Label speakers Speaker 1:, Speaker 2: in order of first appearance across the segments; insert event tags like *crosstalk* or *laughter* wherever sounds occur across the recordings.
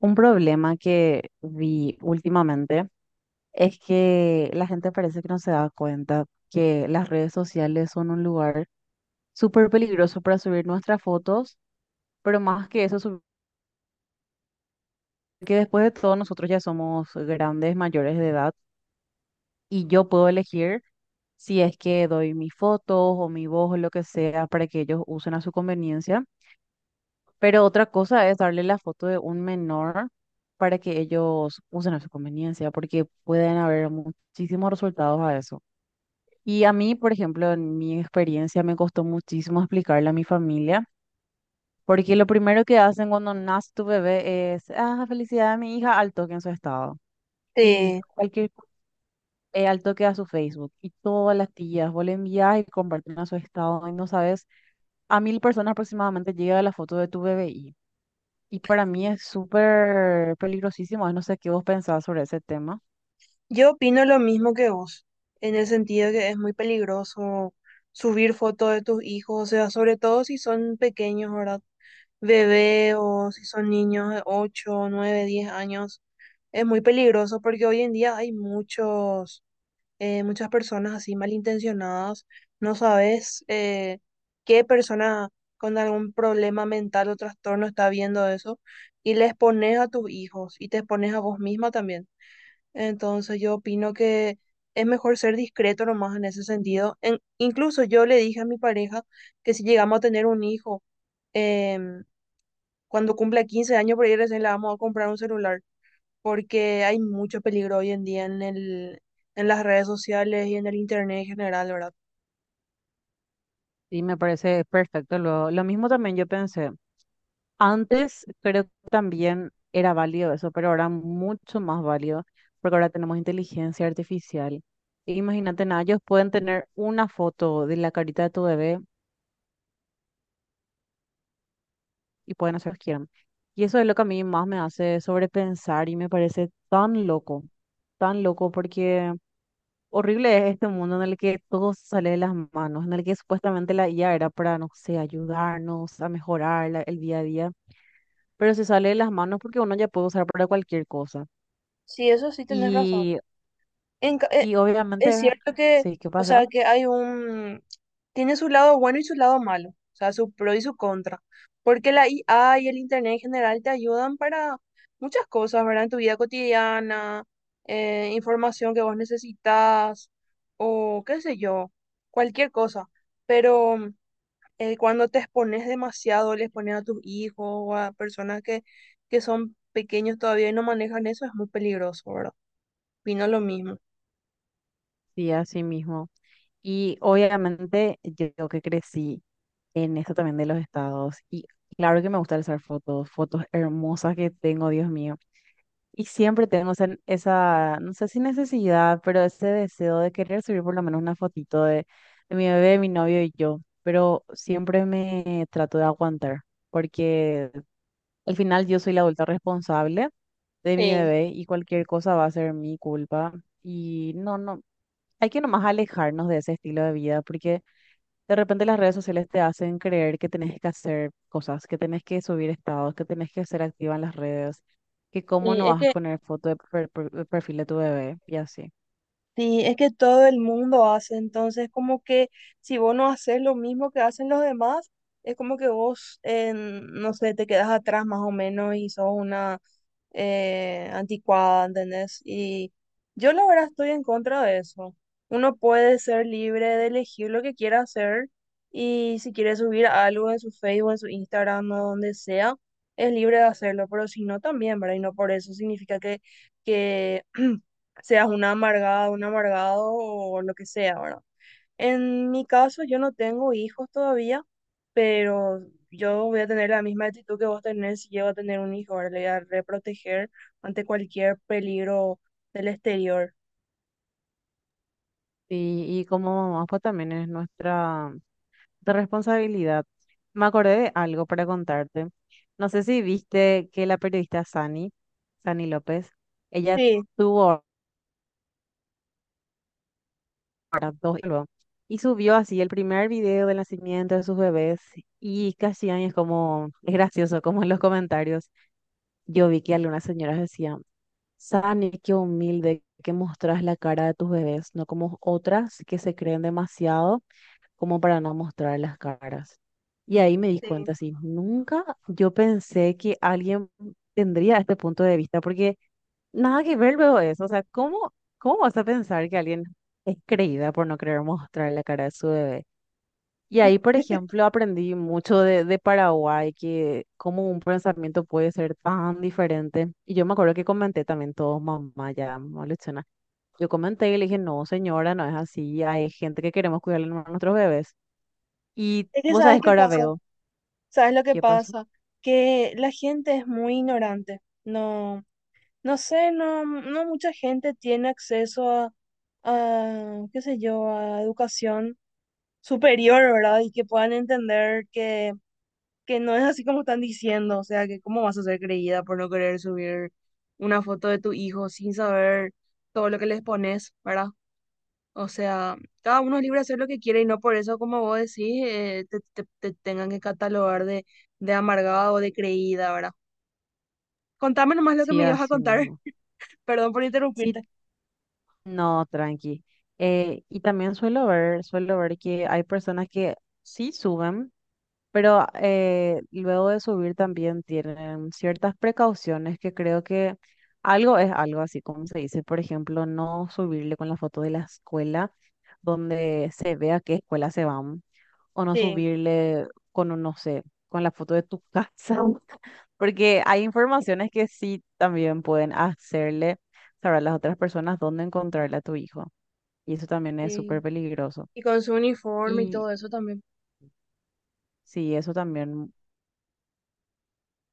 Speaker 1: Un problema que vi últimamente es que la gente parece que no se da cuenta que las redes sociales son un lugar súper peligroso para subir nuestras fotos, pero más que eso, que después de todo nosotros ya somos grandes, mayores de edad, y yo puedo elegir si es que doy mis fotos o mi voz o lo que sea para que ellos usen a su conveniencia. Pero otra cosa es darle la foto de un menor para que ellos usen a su conveniencia, porque pueden haber muchísimos resultados a eso. Y a mí, por ejemplo, en mi experiencia me costó muchísimo explicarle a mi familia, porque lo primero que hacen cuando nace tu bebé es, ah, felicidad de mi hija, al toque en su estado. Y
Speaker 2: Sí,
Speaker 1: cualquier, al toque a su Facebook. Y todas las tías, vos le envías y comparten a su estado. Y no sabes, a 1000 personas aproximadamente llega la foto de tu bebé. Y para mí es súper peligrosísimo, no sé qué vos pensabas sobre ese tema.
Speaker 2: yo opino lo mismo que vos, en el sentido que es muy peligroso subir fotos de tus hijos, o sea, sobre todo si son pequeños, ¿verdad? Bebé o si son niños de 8, 9, 10 años, es muy peligroso porque hoy en día hay muchos, muchas personas así malintencionadas, no sabes qué persona con algún problema mental o trastorno está viendo eso y les pones a tus hijos y te expones a vos misma también. Entonces yo opino que es mejor ser discreto nomás en ese sentido. Incluso yo le dije a mi pareja que si llegamos a tener un hijo, em, cuando cumpla 15 años por ahí recién le vamos a comprar un celular, porque hay mucho peligro hoy en día en en las redes sociales y en el internet en general, ¿verdad?
Speaker 1: Y me parece perfecto. Lo mismo también yo pensé. Antes creo que también era válido eso, pero ahora mucho más válido, porque ahora tenemos inteligencia artificial. E imagínate, nada, ellos pueden tener una foto de la carita de tu bebé y pueden hacer lo que quieran. Y eso es lo que a mí más me hace sobrepensar y me parece tan loco porque... Horrible es este mundo en el que todo sale de las manos, en el que supuestamente la IA era para, no sé, ayudarnos a mejorar el día a día, pero se sale de las manos porque uno ya puede usar para cualquier cosa.
Speaker 2: Sí, eso sí tenés razón.
Speaker 1: Y,
Speaker 2: En ca- eh,
Speaker 1: y
Speaker 2: es
Speaker 1: obviamente,
Speaker 2: cierto que,
Speaker 1: sí, ¿qué
Speaker 2: o sea,
Speaker 1: pasó?
Speaker 2: tiene su lado bueno y su lado malo, o sea, su pro y su contra, porque la IA y el Internet en general te ayudan para muchas cosas, ¿verdad? En tu vida cotidiana, información que vos necesitas, o qué sé yo, cualquier cosa, pero cuando te expones demasiado, les pones a tus hijos o a personas que son pequeños todavía y no manejan eso, es muy peligroso, ¿verdad? Vino lo mismo.
Speaker 1: Sí, así mismo. Y obviamente yo que crecí en esto también de los estados, y claro que me gusta usar fotos, fotos hermosas que tengo, Dios mío. Y siempre tenemos esa, no sé si necesidad, pero ese deseo de querer subir por lo menos una fotito de mi bebé, mi novio y yo. Pero siempre me trato de aguantar, porque al final yo soy la adulta responsable de mi
Speaker 2: Sí.
Speaker 1: bebé y cualquier cosa va a ser mi culpa. Y no, hay que nomás alejarnos de ese estilo de vida, porque de repente las redes sociales te hacen creer que tenés que hacer cosas, que tenés que subir estados, que tenés que ser activa en las redes, que cómo
Speaker 2: Sí,
Speaker 1: no
Speaker 2: es
Speaker 1: vas a
Speaker 2: que,
Speaker 1: poner foto de, de perfil de tu bebé y así.
Speaker 2: sí, es que todo el mundo hace, entonces como que si vos no haces lo mismo que hacen los demás, es como que no sé, te quedas atrás más o menos y sos una, anticuada, ¿entendés? Y yo la verdad estoy en contra de eso. Uno puede ser libre de elegir lo que quiera hacer y si quiere subir algo en su Facebook, en su Instagram o donde sea, es libre de hacerlo, pero si no también, ¿verdad? Y no por eso significa que *clears throat* seas una amargada, un amargado o lo que sea, ¿verdad? En mi caso, yo no tengo hijos todavía, pero yo voy a tener la misma actitud que vos tenés si llego a tener un hijo, ahora le voy a reproteger ante cualquier peligro del exterior.
Speaker 1: Y como mamá, pues también es nuestra de responsabilidad. Me acordé de algo para contarte. No sé si viste que la periodista Sani, Sani López, ella
Speaker 2: Sí,
Speaker 1: tuvo, ¿verdad? Dos y luego. Y subió así el primer video del nacimiento de sus bebés y casi ahí es como, es gracioso, como en los comentarios. Yo vi que algunas señoras decían, Sani, qué humilde que mostras la cara de tus bebés, no como otras que se creen demasiado como para no mostrar las caras. Y ahí me di
Speaker 2: sí.
Speaker 1: cuenta, así, nunca yo pensé que alguien tendría este punto de vista, porque nada que ver luego eso. O sea, ¿cómo, cómo vas a pensar que alguien es creída por no querer mostrar la cara de su bebé? Y ahí, por
Speaker 2: *laughs*
Speaker 1: ejemplo, aprendí mucho de Paraguay, que cómo un pensamiento puede ser tan diferente. Y yo me acuerdo que comenté también todo, mamá, ya, mamá Luchana. Yo comenté y le dije, no, señora, no es así. Hay gente que queremos cuidarle a nuestros bebés. Y
Speaker 2: Es que
Speaker 1: vos
Speaker 2: sabes
Speaker 1: sabés que
Speaker 2: qué
Speaker 1: ahora
Speaker 2: pasa,
Speaker 1: veo
Speaker 2: sabes lo que
Speaker 1: qué pasó.
Speaker 2: pasa, que la gente es muy ignorante. No, no sé, no, no mucha gente tiene acceso qué sé yo, a educación superior, ¿verdad? Y que puedan entender que no es así como están diciendo, o sea, que cómo vas a ser creída por no querer subir una foto de tu hijo sin saber todo lo que les pones, ¿verdad? O sea, cada uno es libre de hacer lo que quiere y no por eso, como vos decís, te tengan que catalogar de amargada o de creída, ¿verdad? Contame nomás lo que
Speaker 1: Sí,
Speaker 2: me ibas a
Speaker 1: así
Speaker 2: contar,
Speaker 1: mismo.
Speaker 2: *laughs* perdón por
Speaker 1: Sí.
Speaker 2: interrumpirte.
Speaker 1: No, tranqui. Y también suelo ver que hay personas que sí suben, pero luego de subir también tienen ciertas precauciones que creo que algo es algo, así como se dice. Por ejemplo, no subirle con la foto de la escuela donde se vea qué escuela se van, o no
Speaker 2: Sí,
Speaker 1: subirle con, un, no sé, con la foto de tu casa. *laughs* Porque hay informaciones que sí también pueden hacerle saber a las otras personas dónde encontrarle a tu hijo. Y eso también es súper
Speaker 2: sí.
Speaker 1: peligroso.
Speaker 2: Y con su uniforme y
Speaker 1: Y
Speaker 2: todo eso también.
Speaker 1: sí, eso también,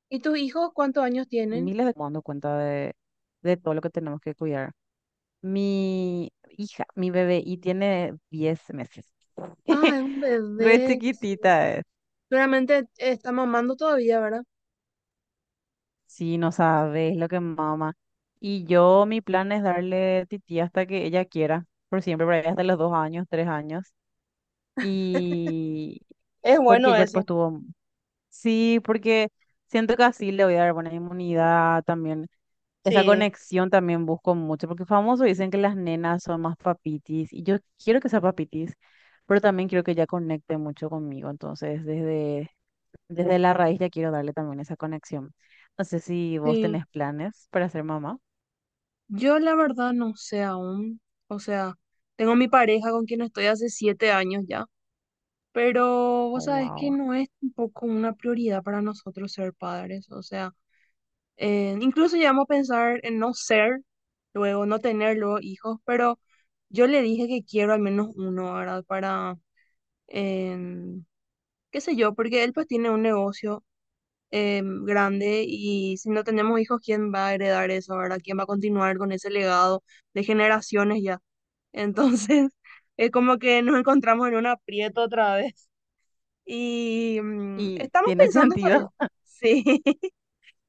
Speaker 2: ¿Y tus hijos cuántos años tienen?
Speaker 1: miles de dando cuenta de todo lo que tenemos que cuidar. Mi hija, mi bebé, y tiene 10 meses.
Speaker 2: Ah,
Speaker 1: *laughs*
Speaker 2: es un
Speaker 1: Re
Speaker 2: bebé. Recién.
Speaker 1: chiquitita es.
Speaker 2: Seguramente está mamando todavía, ¿verdad?
Speaker 1: Sí, no sabes lo que mama. Y yo, mi plan es darle tití hasta que ella quiera, por siempre, por ahí hasta los 2 años, 3 años. Y
Speaker 2: Es
Speaker 1: porque
Speaker 2: bueno
Speaker 1: ella pues
Speaker 2: ese,
Speaker 1: tuvo, sí, porque siento que así le voy a dar buena inmunidad también. Esa
Speaker 2: sí.
Speaker 1: conexión también busco mucho, porque famoso dicen que las nenas son más papitis, y yo quiero que sea papitis, pero también quiero que ella conecte mucho conmigo, entonces desde la raíz ya quiero darle también esa conexión. No sé si vos
Speaker 2: Sí,
Speaker 1: tenés planes para ser mamá.
Speaker 2: yo la verdad no sé aún, o sea, tengo mi pareja con quien estoy hace 7 años ya, pero
Speaker 1: Oh,
Speaker 2: vos sabés que
Speaker 1: wow.
Speaker 2: no es tampoco una prioridad para nosotros ser padres, o sea, incluso llegamos a pensar en no ser, luego no tener luego hijos, pero yo le dije que quiero al menos uno, ¿verdad? Para, em, qué sé yo, porque él pues tiene un negocio grande y si no tenemos hijos, ¿quién va a heredar eso, verdad? ¿Quién va a continuar con ese legado de generaciones ya? Entonces, *laughs* es como que nos encontramos en un aprieto otra vez y
Speaker 1: Y
Speaker 2: estamos
Speaker 1: tiene *laughs*
Speaker 2: pensando todavía.
Speaker 1: sentido.
Speaker 2: *laughs* Sí.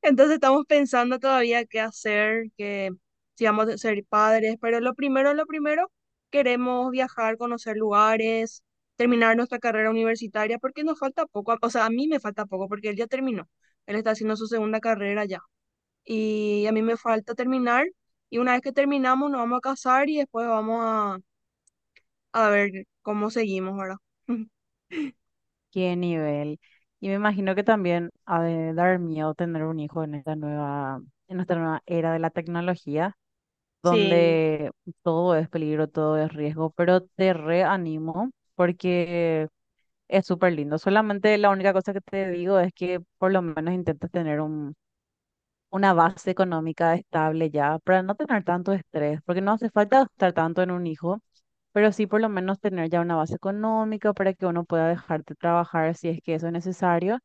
Speaker 2: Entonces estamos pensando todavía qué hacer, que si vamos a ser padres, pero lo primero, queremos viajar, conocer lugares, terminar nuestra carrera universitaria, porque nos falta poco, o sea, a mí me falta poco, porque él ya terminó, él está haciendo su segunda carrera ya, y a mí me falta terminar, y una vez que terminamos nos vamos a casar y después vamos a ver cómo seguimos, ¿verdad? *laughs*
Speaker 1: Qué nivel. Y me imagino que también ha de dar miedo tener un hijo en esta nueva era de la tecnología,
Speaker 2: Sí,
Speaker 1: donde todo es peligro, todo es riesgo, pero te reanimo porque es súper lindo. Solamente la única cosa que te digo es que por lo menos intentes tener un una base económica estable ya para no tener tanto estrés, porque no hace falta gastar tanto en un hijo, pero sí por lo menos tener ya una base económica para que uno pueda dejar de trabajar si es que eso es necesario,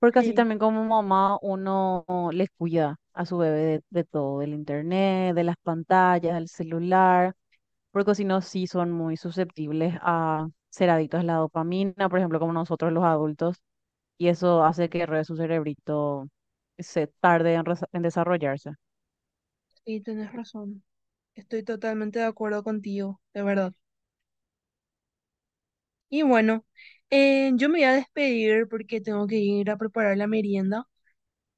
Speaker 1: porque así
Speaker 2: sí.
Speaker 1: también como mamá uno les cuida a su bebé de todo, del internet, de las pantallas, del celular, porque si no, sí son muy susceptibles a ser adictos a la dopamina, por ejemplo, como nosotros los adultos, y eso hace que re su cerebrito se tarde en, en desarrollarse.
Speaker 2: Sí, tienes razón. Estoy totalmente de acuerdo contigo, de verdad. Y bueno, yo me voy a despedir porque tengo que ir a preparar la merienda,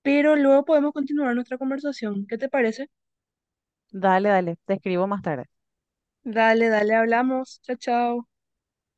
Speaker 2: pero luego podemos continuar nuestra conversación. ¿Qué te parece?
Speaker 1: Dale, dale, te escribo más tarde.
Speaker 2: Dale, dale, hablamos. Chao, chao.